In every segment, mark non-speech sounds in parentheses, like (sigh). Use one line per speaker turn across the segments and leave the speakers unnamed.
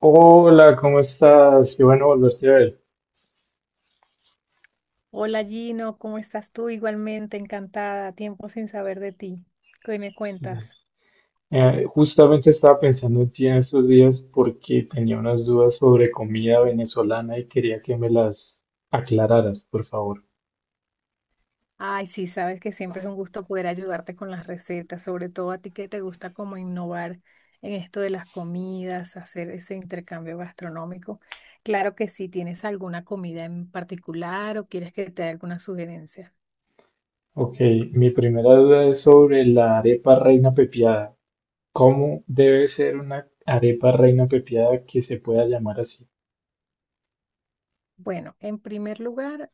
Hola, ¿cómo estás? Qué bueno volverte a ver.
Hola Gino, ¿cómo estás tú? Igualmente encantada, tiempo sin saber de ti. ¿Qué me
Sí.
cuentas?
Justamente estaba pensando en ti en estos días porque tenía unas dudas sobre comida venezolana y quería que me las aclararas, por favor.
Ay, sí, sabes que siempre es un gusto poder ayudarte con las recetas, sobre todo a ti que te gusta como innovar en esto de las comidas, hacer ese intercambio gastronómico. Claro que sí, ¿tienes alguna comida en particular o quieres que te dé alguna sugerencia?
Ok, mi primera duda es sobre la arepa reina pepiada. ¿Cómo debe ser una arepa reina pepiada que se pueda llamar así?
Bueno, en primer lugar,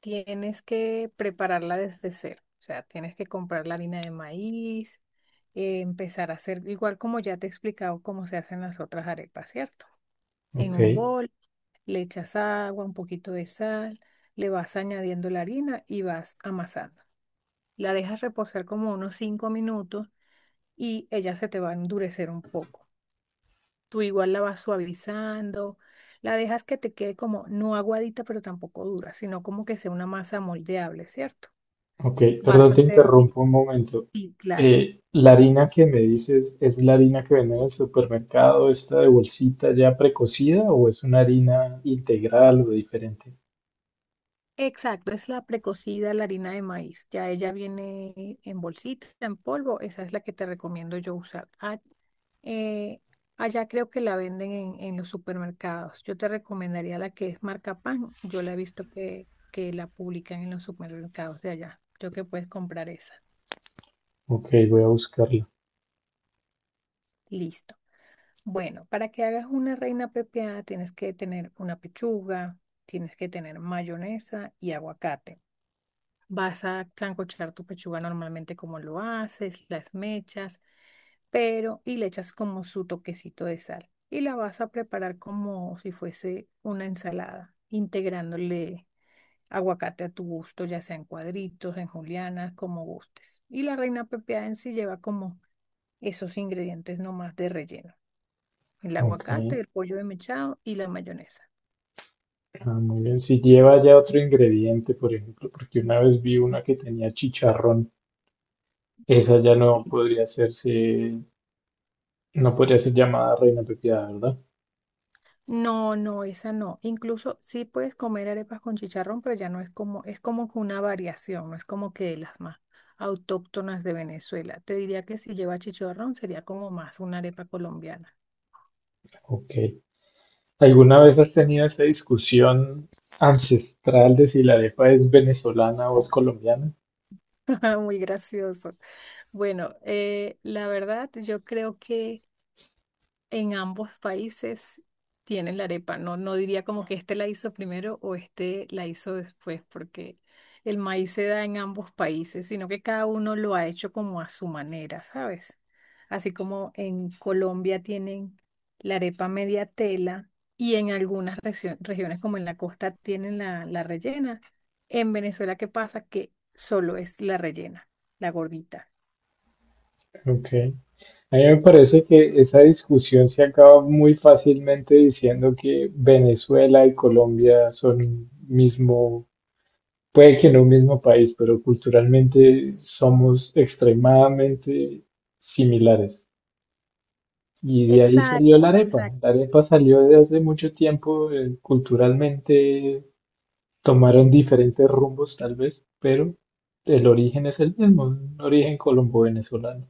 Tienes que prepararla desde cero, o sea, tienes que comprar la harina de maíz, empezar a hacer, igual como ya te he explicado cómo se hacen las otras arepas, ¿cierto? En
Ok.
un bol, le echas agua, un poquito de sal, le vas añadiendo la harina y vas amasando. La dejas reposar como unos 5 minutos y ella se te va a endurecer un poco. Tú igual la vas suavizando, la dejas que te quede como no aguadita, pero tampoco dura, sino como que sea una masa moldeable, ¿cierto?
Ok,
Vas
perdón,
a
te
hacer,
interrumpo un momento.
y claro,
La harina que me dices, ¿es la harina que venden en el supermercado, esta de bolsita ya precocida o es una harina integral o diferente?
exacto, es la precocida, la harina de maíz. Ya ella viene en bolsita, en polvo, esa es la que te recomiendo yo usar. Ah, eh, allá creo que la venden en los supermercados. Yo te recomendaría la que es marca Pan. Yo la he visto que la publican en los supermercados de allá. Creo que puedes comprar esa.
Ok, voy a buscarla.
Listo. Bueno, para que hagas una reina pepiada tienes que tener una pechuga, tienes que tener mayonesa y aguacate. Vas a sancochar tu pechuga normalmente como lo haces, las mechas, pero y le echas como su toquecito de sal. Y la vas a preparar como si fuese una ensalada, integrándole aguacate a tu gusto, ya sea en cuadritos, en julianas, como gustes. Y la reina pepiada en sí lleva como esos ingredientes nomás de relleno, el
Ok,
aguacate, el pollo desmechado y la mayonesa.
ah, muy bien. Si lleva ya otro ingrediente, por ejemplo, porque una vez vi una que tenía chicharrón, esa ya no podría hacerse, no podría ser llamada reina pepiada, ¿verdad?
No, no, esa no. Incluso sí puedes comer arepas con chicharrón, pero ya no es como que una variación, no es como que de las más autóctonas de Venezuela. Te diría que si lleva chicharrón sería como más una arepa colombiana.
Ok. ¿Alguna vez has tenido esa discusión ancestral de si la arepa es venezolana o es colombiana?
(laughs) Muy gracioso. Bueno, la verdad, yo creo que en ambos países tienen la arepa. No, no diría como que este la hizo primero o este la hizo después, porque el maíz se da en ambos países, sino que cada uno lo ha hecho como a su manera, ¿sabes? Así como en Colombia tienen la arepa media tela y en algunas regiones como en la costa tienen la rellena. En Venezuela, ¿qué pasa? Que solo es la rellena, la gordita.
Ok. A mí me parece que esa discusión se acaba muy fácilmente diciendo que Venezuela y Colombia son un mismo, puede que no un mismo país, pero culturalmente somos extremadamente similares. Y de ahí salió
Exacto,
la arepa. La
exacto.
arepa salió de hace mucho tiempo, culturalmente tomaron diferentes rumbos tal vez, pero el origen es el mismo, un origen colombo-venezolano.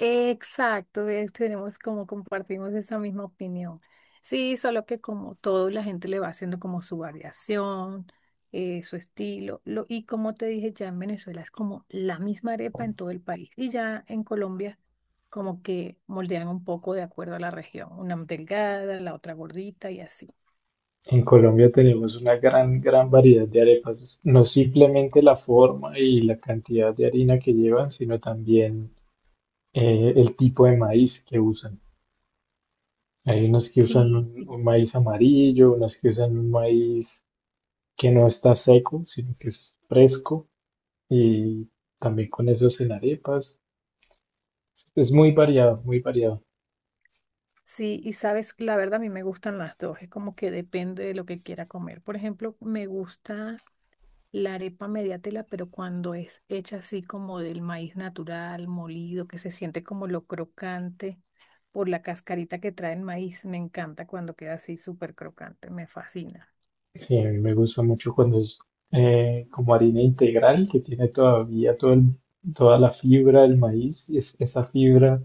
Exacto, ves, tenemos como compartimos esa misma opinión. Sí, solo que como todo, la gente le va haciendo como su variación, su estilo. Y como te dije, ya en Venezuela es como la misma arepa en todo el país. Y ya en Colombia como que moldean un poco de acuerdo a la región. Una delgada, la otra gordita y así.
En Colombia tenemos una gran, gran variedad de arepas, no simplemente la forma y la cantidad de harina que llevan, sino también el tipo de maíz que usan. Hay unas que usan
Sí, sí.
un maíz amarillo, unas que usan un maíz que no está seco, sino que es fresco, y también con eso hacen arepas. Es muy variado, muy variado.
Sí, y sabes, la verdad a mí me gustan las dos, es como que depende de lo que quiera comer. Por ejemplo, me gusta la arepa media tela, pero cuando es hecha así como del maíz natural, molido, que se siente como lo crocante por la cascarita que trae el maíz, me encanta cuando queda así súper crocante, me fascina.
Sí, a mí me gusta mucho cuando es como harina integral, que tiene todavía toda la fibra del maíz, esa fibra,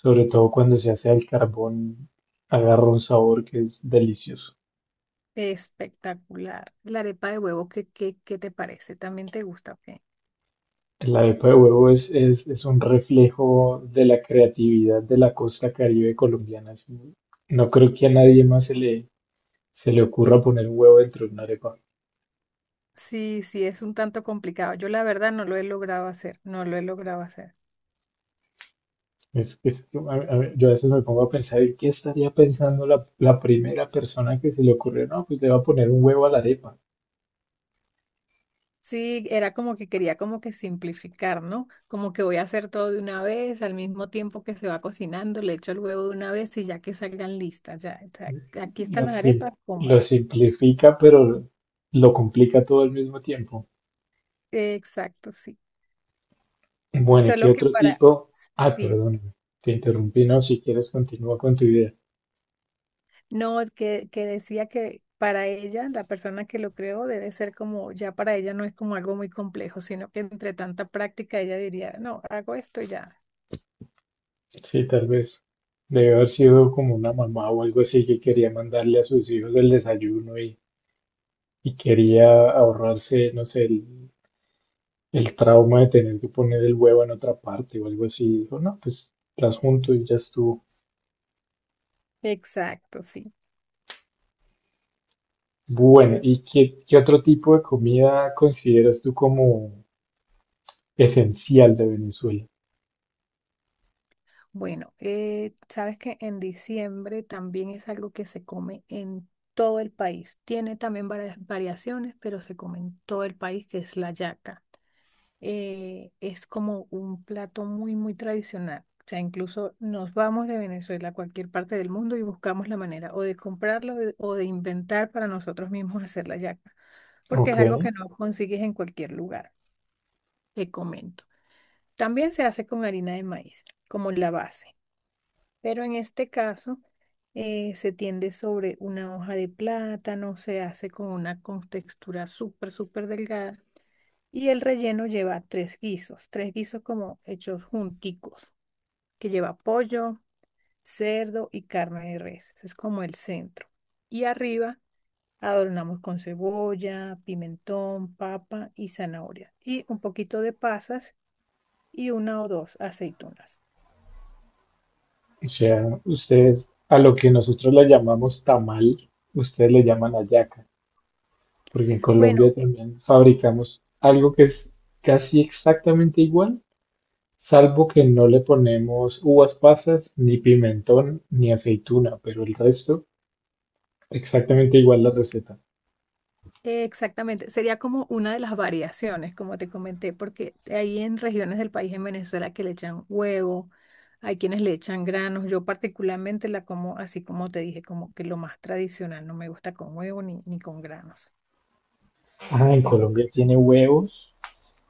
sobre todo cuando se hace al carbón, agarra un sabor que es delicioso.
Espectacular. La arepa de huevo, ¿qué te parece? ¿También te gusta o qué?
La arepa de huevo es un reflejo de la creatividad de la costa caribe colombiana. No creo que a nadie más se le ocurra poner un huevo dentro de una arepa.
Sí, sí, es un tanto complicado. Yo la verdad no lo he logrado hacer, no lo he logrado hacer.
Yo, a yo a veces me pongo a pensar, ¿qué estaría pensando la primera persona que se le ocurrió? No, pues le va a poner un huevo a la arepa.
Sí, era como que quería como que simplificar, ¿no? Como que voy a hacer todo de una vez, al mismo tiempo que se va cocinando, le echo el huevo de una vez y ya que salgan listas, ya, o sea, aquí están
Lo,
las
sim-
arepas,
lo
coman.
simplifica, pero lo complica todo al mismo tiempo.
Exacto, sí.
Bueno, ¿y qué
Solo que
otro
para,
tipo? Ah,
sí,
perdóname, te interrumpí. No, si quieres continúa con tu idea.
no, que decía que para ella, la persona que lo creó debe ser como, ya para ella no es como algo muy complejo, sino que entre tanta práctica ella diría, no, hago esto y ya.
Sí, tal vez debe haber sido como una mamá o algo así que quería mandarle a sus hijos el desayuno y quería ahorrarse, no sé, el trauma de tener que poner el huevo en otra parte o algo así. Dijo, no, pues las junto y ya estuvo.
Exacto, sí.
Bueno, ¿y qué otro tipo de comida consideras tú como esencial de Venezuela?
Bueno, sabes que en diciembre también es algo que se come en todo el país. Tiene también varias variaciones, pero se come en todo el país, que es la yaca. Es como un plato muy, muy tradicional. O sea, incluso nos vamos de Venezuela a cualquier parte del mundo y buscamos la manera o de o de inventar para nosotros mismos (laughs) hacer la yaca, porque
Ok,
es algo que no consigues en cualquier lugar, te comento. También se hace con harina de maíz, como la base. Pero en este caso se tiende sobre una hoja de plátano, se hace con una contextura súper, súper delgada y el relleno lleva tres guisos como hechos junticos, que lleva pollo, cerdo y carne de res. Ese es como el centro. Y arriba adornamos con cebolla, pimentón, papa y zanahoria y un poquito de pasas y una o dos aceitunas.
o sea, ustedes a lo que nosotros le llamamos tamal, ustedes le llaman hallaca, porque en
Bueno,
Colombia también fabricamos algo que es casi exactamente igual, salvo que no le ponemos uvas pasas, ni pimentón, ni aceituna, pero el resto exactamente igual la receta.
exactamente, sería como una de las variaciones, como te comenté, porque hay en regiones del país en Venezuela que le echan huevo, hay quienes le echan granos, yo particularmente la como así como te dije, como que lo más tradicional, no me gusta con huevo ni con granos.
Ah, en
Me
Colombia
gusta.
tiene huevos,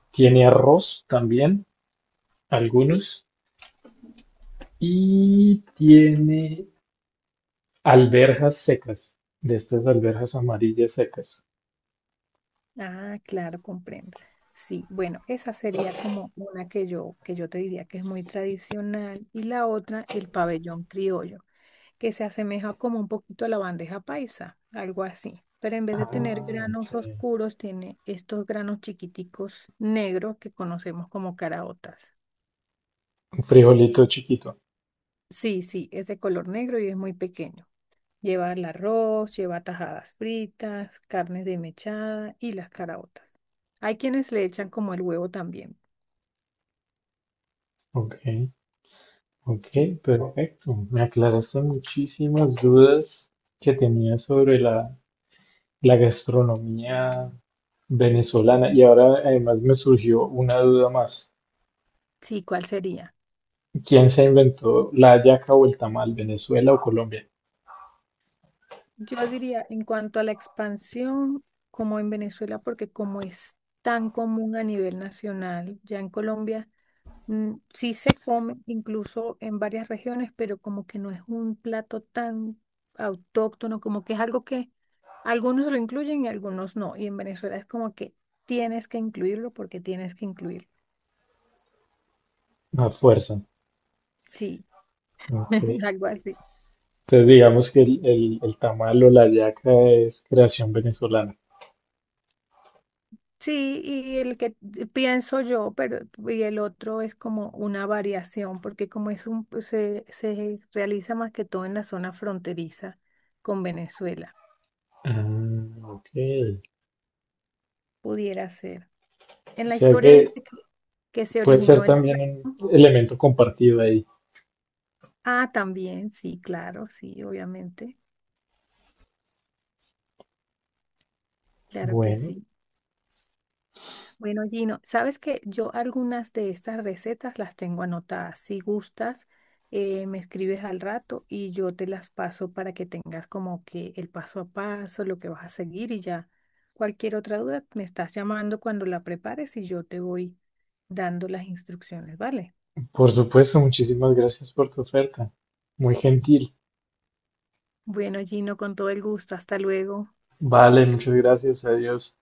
tiene arroz también, algunos, y tiene alberjas secas, de estas alberjas amarillas secas.
Ah, claro, comprendo. Sí, bueno, esa sería como una que yo te diría que es muy tradicional y la otra, el pabellón criollo, que se asemeja como un poquito a la bandeja paisa, algo así. Pero en vez de tener
Ah, ok.
granos oscuros, tiene estos granos chiquiticos negros que conocemos como caraotas.
Un frijolito chiquito.
Sí, sí, es de color negro y es muy pequeño. Lleva el arroz, lleva tajadas fritas, carnes de desmechada y las caraotas. Hay quienes le echan como el huevo también.
Ok, ok,
Sí,
perfecto. Me aclaraste muchísimas dudas que tenía sobre la gastronomía venezolana y ahora además me surgió una duda más.
sí, ¿cuál sería?
¿Quién se inventó la hallaca o el tamal? ¿Venezuela o Colombia?
Yo diría, en cuanto a la expansión, como en Venezuela, porque como es tan común a nivel nacional, ya en Colombia, mm, sí se come, incluso en varias regiones, pero como que no es un plato tan autóctono, como que es algo que algunos lo incluyen y algunos no. Y en Venezuela es como que tienes que incluirlo porque tienes que incluirlo.
A fuerza.
Sí,
Ok.
(laughs) algo así.
Entonces digamos que el tamal o la hallaca es creación venezolana.
Sí, y el que pienso yo, pero y el otro es como una variación, porque como es un pues, se realiza más que todo en la zona fronteriza con Venezuela,
Ah, ok.
pudiera ser.
O
En la
sea
historia
que
dice que se
puede ser
originó el plato.
también un elemento compartido ahí.
Ah, también, sí, claro, sí, obviamente, claro que
Bueno,
sí. Bueno, Gino, sabes que yo algunas de estas recetas las tengo anotadas. Si gustas, me escribes al rato y yo te las paso para que tengas como que el paso a paso, lo que vas a seguir y ya. Cualquier otra duda, me estás llamando cuando la prepares y yo te voy dando las instrucciones, ¿vale?
por supuesto, muchísimas gracias por tu oferta. Muy gentil.
Bueno, Gino, con todo el gusto. Hasta luego.
Vale, muchas gracias. Adiós.